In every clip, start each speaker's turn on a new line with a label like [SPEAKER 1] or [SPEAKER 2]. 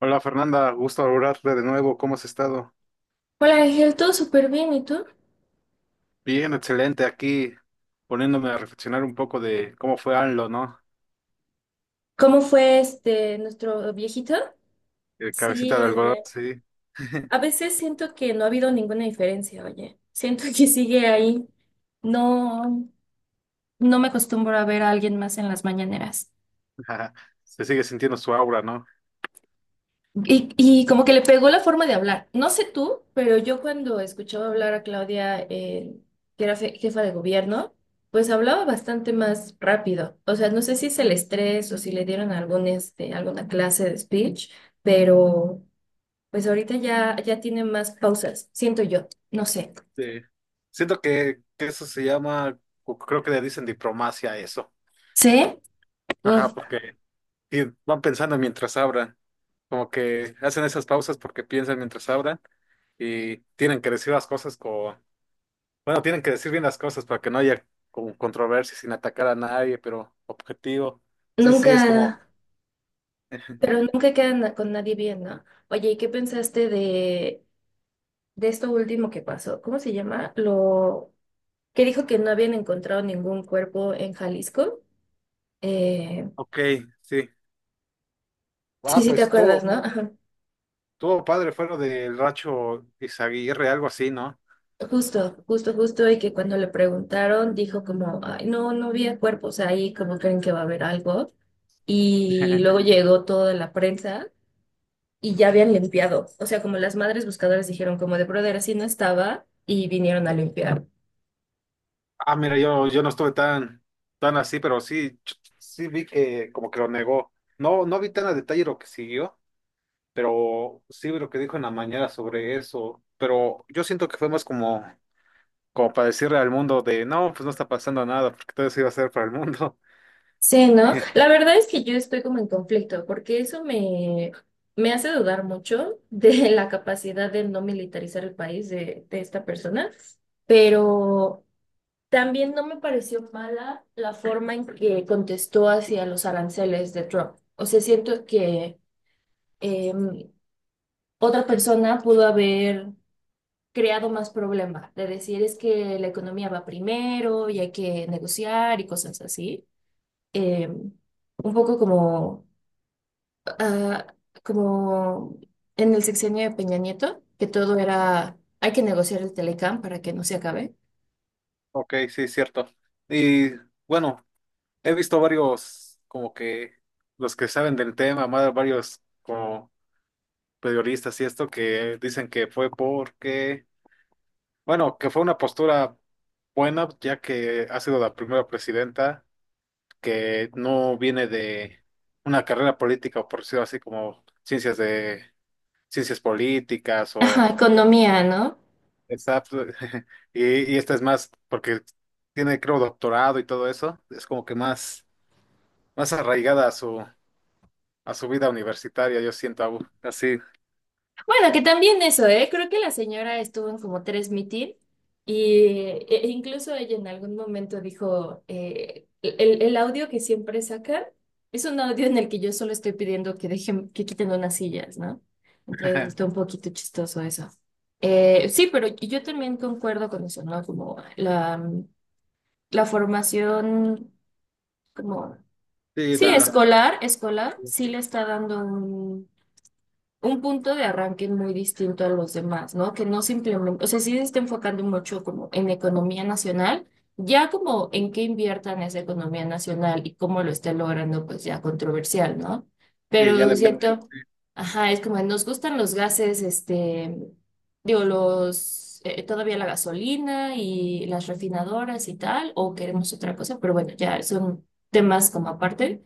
[SPEAKER 1] Hola Fernanda, gusto hablarte de nuevo. ¿Cómo has estado?
[SPEAKER 2] Hola Ángel, todo súper bien, ¿y tú?
[SPEAKER 1] Bien, excelente. Aquí poniéndome a reflexionar un poco de cómo fue AMLO, ¿no?
[SPEAKER 2] ¿Cómo fue este nuestro viejito?
[SPEAKER 1] El cabecita
[SPEAKER 2] Sí,
[SPEAKER 1] de algodón,
[SPEAKER 2] oye.
[SPEAKER 1] sí.
[SPEAKER 2] A veces siento que no ha habido ninguna diferencia, oye. Siento que sigue ahí. No, no me acostumbro a ver a alguien más en las mañaneras.
[SPEAKER 1] Se sigue sintiendo su aura, ¿no?
[SPEAKER 2] Y como que le pegó la forma de hablar. No sé tú, pero yo cuando escuchaba hablar a Claudia, que era jefa de gobierno, pues hablaba bastante más rápido. O sea, no sé si es el estrés o si le dieron algún, este, alguna clase de speech, pero pues ahorita ya tiene más pausas, siento yo. No sé.
[SPEAKER 1] Sí. Siento que eso se llama, o creo que le dicen diplomacia a eso.
[SPEAKER 2] ¿Sí? Uf,
[SPEAKER 1] Ajá, porque sí, van pensando mientras hablan. Como que hacen esas pausas porque piensan mientras hablan y tienen que decir las cosas con. Bueno, tienen que decir bien las cosas para que no haya como controversia sin atacar a nadie, pero objetivo. Sí, sí,
[SPEAKER 2] nunca,
[SPEAKER 1] es como.
[SPEAKER 2] pero nunca quedan con nadie bien, ¿no? Oye, ¿y qué pensaste de esto último que pasó? ¿Cómo se llama? Lo que dijo que no habían encontrado ningún cuerpo en Jalisco. Eh,
[SPEAKER 1] Ok, sí.
[SPEAKER 2] sí,
[SPEAKER 1] Ah,
[SPEAKER 2] sí te
[SPEAKER 1] pues
[SPEAKER 2] acuerdas,
[SPEAKER 1] todo,
[SPEAKER 2] ¿no? Ajá.
[SPEAKER 1] todo padre fue lo del Racho Izaguirre, algo así, ¿no?
[SPEAKER 2] Justo, justo, justo, y que cuando le preguntaron dijo como, ay, no, no había cuerpos ahí, como creen que va a haber algo. Y luego llegó toda la prensa y ya habían limpiado. O sea, como las madres buscadoras dijeron como de brother, así no estaba y vinieron a limpiar.
[SPEAKER 1] Ah, mira, yo no estuve tan, tan así, pero sí, sí vi que como que lo negó. No, no vi tan a detalle lo que siguió, pero sí vi lo que dijo en la mañana sobre eso. Pero yo siento que fue más como, como para decirle al mundo de, no, pues no está pasando nada, porque todo eso iba a ser para el mundo.
[SPEAKER 2] Sí, ¿no? La verdad es que yo estoy como en conflicto, porque eso me hace dudar mucho de la capacidad de no militarizar el país de esta persona, pero también no me pareció mala la forma en que contestó hacia los aranceles de Trump. O sea, siento que em, otra persona pudo haber creado más problema, de decir es que la economía va primero y hay que negociar y cosas así. Em, un poco como ah, como en el sexenio de Peña Nieto, que todo era, hay que negociar el Telecam para que no se acabe.
[SPEAKER 1] Ok, sí, cierto. Y bueno, he visto varios, como que los que saben del tema, más varios como periodistas y esto que dicen que fue porque, bueno, que fue una postura buena, ya que ha sido la primera presidenta que no viene de una carrera política, o por decirlo así, como ciencias de ciencias políticas o...
[SPEAKER 2] Ajá, economía, ¿no?
[SPEAKER 1] Exacto. Y esta es más, porque tiene, creo, doctorado y todo eso, es como que más, más arraigada a su vida universitaria, yo siento Abu. Así.
[SPEAKER 2] Bueno, que también eso, ¿eh? Creo que la señora estuvo en como tres mitin y e incluso ella en algún momento dijo, el audio que siempre sacan es un audio en el que yo solo estoy pidiendo que dejen, que quiten unas sillas, ¿no? Entonces está un poquito chistoso eso. Sí, pero yo también concuerdo con eso, ¿no? Como la formación como,
[SPEAKER 1] Sí,
[SPEAKER 2] sí,
[SPEAKER 1] da.
[SPEAKER 2] escolar, escolar, sí le está dando un punto de arranque muy distinto a los demás, ¿no? Que no simplemente, o sea, sí se está enfocando mucho como en economía nacional, ya como en qué inviertan esa economía nacional y cómo lo está logrando, pues ya controversial, ¿no?
[SPEAKER 1] Y
[SPEAKER 2] Pero
[SPEAKER 1] ya
[SPEAKER 2] es Sí,
[SPEAKER 1] depende.
[SPEAKER 2] cierto, ajá, es como nos gustan los gases, digo, los, todavía la gasolina y las refinadoras y tal, o queremos otra cosa, pero bueno, ya son temas como aparte.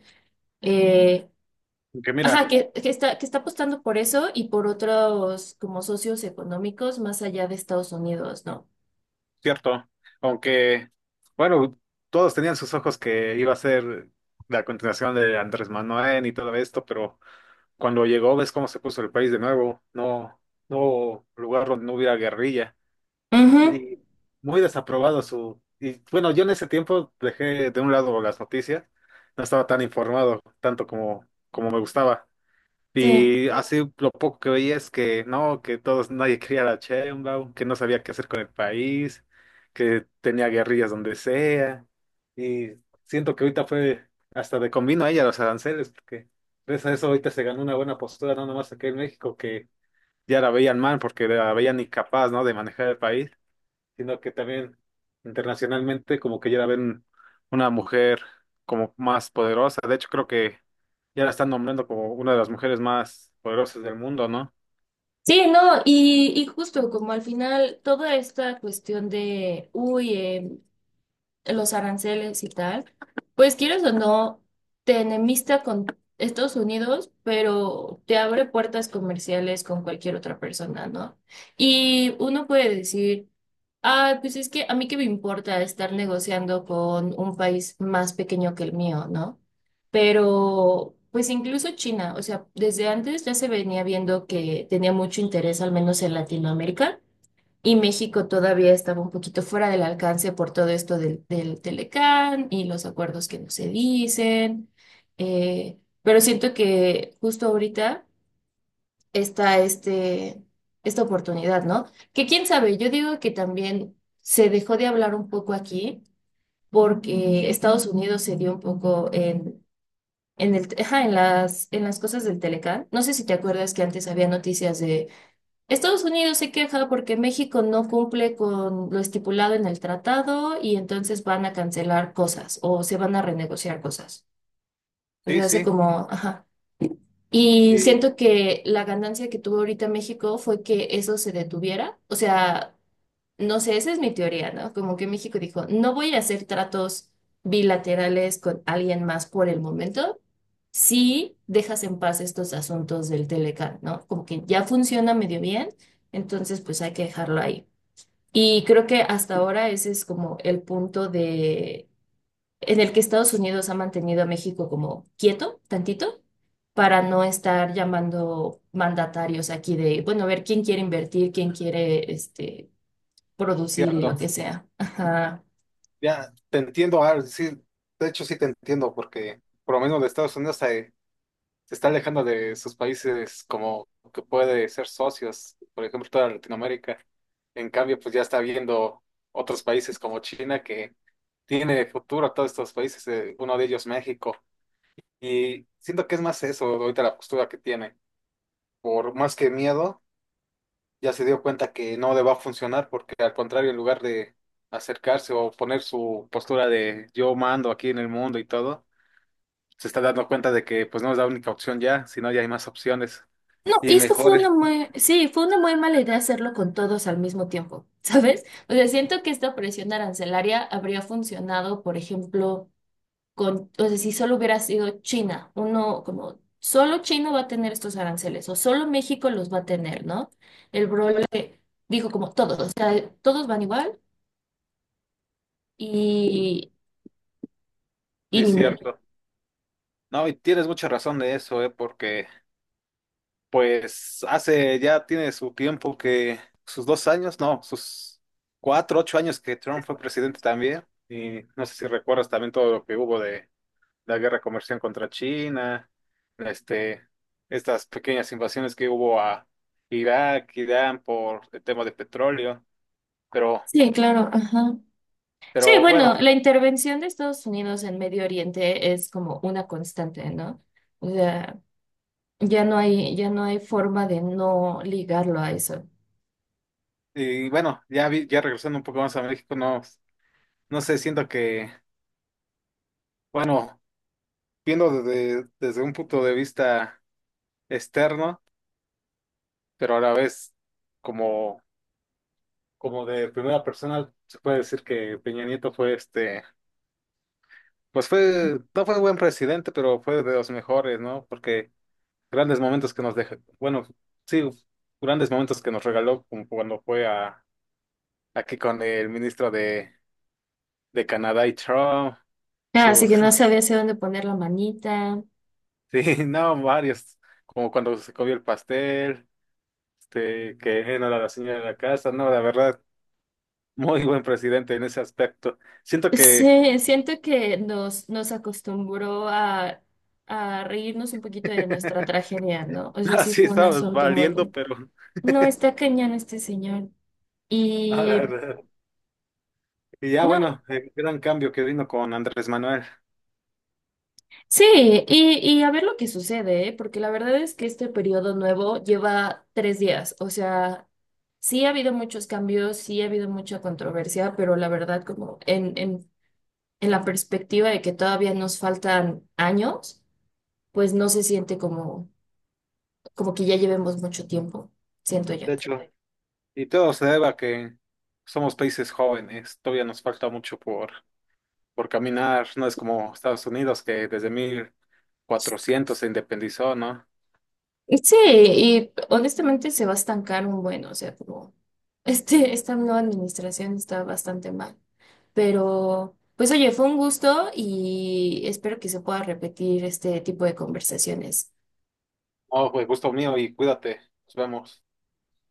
[SPEAKER 1] Aunque
[SPEAKER 2] Ajá,
[SPEAKER 1] mira,
[SPEAKER 2] que está apostando por eso y por otros como socios económicos más allá de Estados Unidos, ¿no?
[SPEAKER 1] cierto, aunque, bueno, todos tenían sus ojos que iba a ser la continuación de Andrés Manuel y todo esto, pero cuando llegó, ves cómo se puso el país de nuevo, no, no lugar donde no hubiera guerrilla.
[SPEAKER 2] Ujú,
[SPEAKER 1] Y muy desaprobado su... Y bueno, yo en ese tiempo dejé de un lado las noticias, no estaba tan informado tanto como, como me gustaba.
[SPEAKER 2] sí.
[SPEAKER 1] Y así lo poco que veía es que no, que todos, nadie quería a la Sheinbaum, que no sabía qué hacer con el país, que tenía guerrillas donde sea. Y siento que ahorita fue hasta de convino a ella los aranceles, porque gracias a eso ahorita se ganó una buena postura, no nomás aquí en México, que ya la veían mal porque la veían incapaz, ¿no?, de manejar el país, sino que también internacionalmente como que ya la ven una mujer como más poderosa. De hecho, creo que ya la están nombrando como una de las mujeres más poderosas del mundo, ¿no?
[SPEAKER 2] Sí, no, y justo como al final toda esta cuestión de, uy, los aranceles y tal, pues quieres o no, te enemista con Estados Unidos, pero te abre puertas comerciales con cualquier otra persona, ¿no? Y uno puede decir, ah, pues es que a mí qué me importa estar negociando con un país más pequeño que el mío, ¿no? Pero, pues incluso China, o sea, desde antes ya se venía viendo que tenía mucho interés, al menos en Latinoamérica. Y México todavía estaba un poquito fuera del alcance por todo esto del, del Telecán y los acuerdos que no se dicen. Pero siento que justo ahorita está esta oportunidad, ¿no? Que quién sabe, yo digo que también se dejó de hablar un poco aquí porque Estados Unidos se dio un poco ajá, en las cosas del Telecán. No sé si te acuerdas que antes había noticias de Estados Unidos se queja porque México no cumple con lo estipulado en el tratado y entonces van a cancelar cosas o se van a renegociar cosas. O
[SPEAKER 1] Sí,
[SPEAKER 2] sea, hace
[SPEAKER 1] sí,
[SPEAKER 2] como, ajá. Y
[SPEAKER 1] y
[SPEAKER 2] siento que la ganancia que tuvo ahorita México fue que eso se detuviera. O sea, no sé, esa es mi teoría, ¿no? Como que México dijo, no voy a hacer tratos bilaterales con alguien más por el momento si dejas en paz estos asuntos del Telecán, ¿no? Como que ya funciona medio bien, entonces pues hay que dejarlo ahí. Y creo que hasta ahora ese es como el punto de en el que Estados Unidos ha mantenido a México como quieto, tantito, para no estar llamando mandatarios aquí de, bueno, a ver quién quiere invertir, quién quiere este producir y
[SPEAKER 1] cierto.
[SPEAKER 2] lo que sea. Ajá.
[SPEAKER 1] Ya te entiendo, Ar, sí, de hecho sí te entiendo, porque por lo menos de Estados Unidos se, se está alejando de sus países como que puede ser socios, por ejemplo, toda Latinoamérica. En cambio, pues ya está viendo otros países como China que tiene futuro todos estos países, uno de ellos México. Y siento que es más eso ahorita la postura que tiene. Por más que miedo, ya se dio cuenta que no le va a funcionar porque al contrario, en lugar de acercarse o poner su postura de yo mando aquí en el mundo y todo, se está dando cuenta de que pues no es la única opción ya, sino ya hay más opciones
[SPEAKER 2] No, y
[SPEAKER 1] y
[SPEAKER 2] es que fue
[SPEAKER 1] mejores.
[SPEAKER 2] sí, fue una muy mala idea hacerlo con todos al mismo tiempo, ¿sabes? O sea, siento que esta presión arancelaria habría funcionado, por ejemplo, o sea, si solo hubiera sido China, uno como solo China va a tener estos aranceles o solo México los va a tener, ¿no? El Brole dijo como todos, o sea, todos van igual y, y
[SPEAKER 1] Sí,
[SPEAKER 2] ni modo.
[SPEAKER 1] cierto. No, y tienes mucha razón de eso, porque pues hace ya tiene su tiempo que sus dos años, no, sus cuatro, ocho años que Trump fue presidente también. Y no sé si recuerdas también todo lo que hubo de la guerra comercial contra China, este, estas pequeñas invasiones que hubo a Irak, Irán por el tema de petróleo. Pero,
[SPEAKER 2] Sí, claro, ajá. Sí,
[SPEAKER 1] pero
[SPEAKER 2] bueno,
[SPEAKER 1] bueno,
[SPEAKER 2] la intervención de Estados Unidos en Medio Oriente es como una constante, ¿no? O sea, ya no hay forma de no ligarlo a eso.
[SPEAKER 1] y bueno, ya regresando un poco más a México, no, no sé, siento que, bueno, viendo desde, desde un punto de vista externo pero a la vez como, como de primera persona se puede decir que Peña Nieto fue este, pues fue, no fue buen presidente, pero fue de los mejores, ¿no? Porque grandes momentos que nos dejó, bueno, sí, grandes momentos que nos regaló como cuando fue a, aquí con el ministro de Canadá y Trump,
[SPEAKER 2] Ah, así
[SPEAKER 1] sus...
[SPEAKER 2] que no sabía hacia dónde poner la manita.
[SPEAKER 1] Sí, no, varios, como cuando se comió el pastel, este, que no era la señora de la casa, no, la verdad, muy buen presidente en ese aspecto. Siento que...
[SPEAKER 2] Sí, siento que nos acostumbró a reírnos un poquito de nuestra tragedia, ¿no? O sea, sí
[SPEAKER 1] Así
[SPEAKER 2] fue un
[SPEAKER 1] estabas
[SPEAKER 2] asunto muy.
[SPEAKER 1] valiendo, pero...
[SPEAKER 2] No, está cañón este señor.
[SPEAKER 1] A la
[SPEAKER 2] Y...
[SPEAKER 1] verdad. Y ya,
[SPEAKER 2] no.
[SPEAKER 1] bueno, el gran cambio que vino con Andrés Manuel.
[SPEAKER 2] Sí, y a ver lo que sucede, ¿eh? Porque la verdad es que este periodo nuevo lleva 3 días. O sea, sí ha habido muchos cambios, sí ha habido mucha controversia, pero la verdad, como en la perspectiva de que todavía nos faltan años, pues no se siente como que ya llevemos mucho tiempo, siento yo.
[SPEAKER 1] De hecho, y todo se debe a que somos países jóvenes, todavía nos falta mucho por caminar, no es como Estados Unidos que desde 1400 se independizó, ¿no?
[SPEAKER 2] Sí, y honestamente se va a estancar un buen, o sea, como esta nueva administración está bastante mal. Pero, pues oye, fue un gusto y espero que se pueda repetir este tipo de conversaciones.
[SPEAKER 1] Oh, pues gusto mío y cuídate, nos vemos.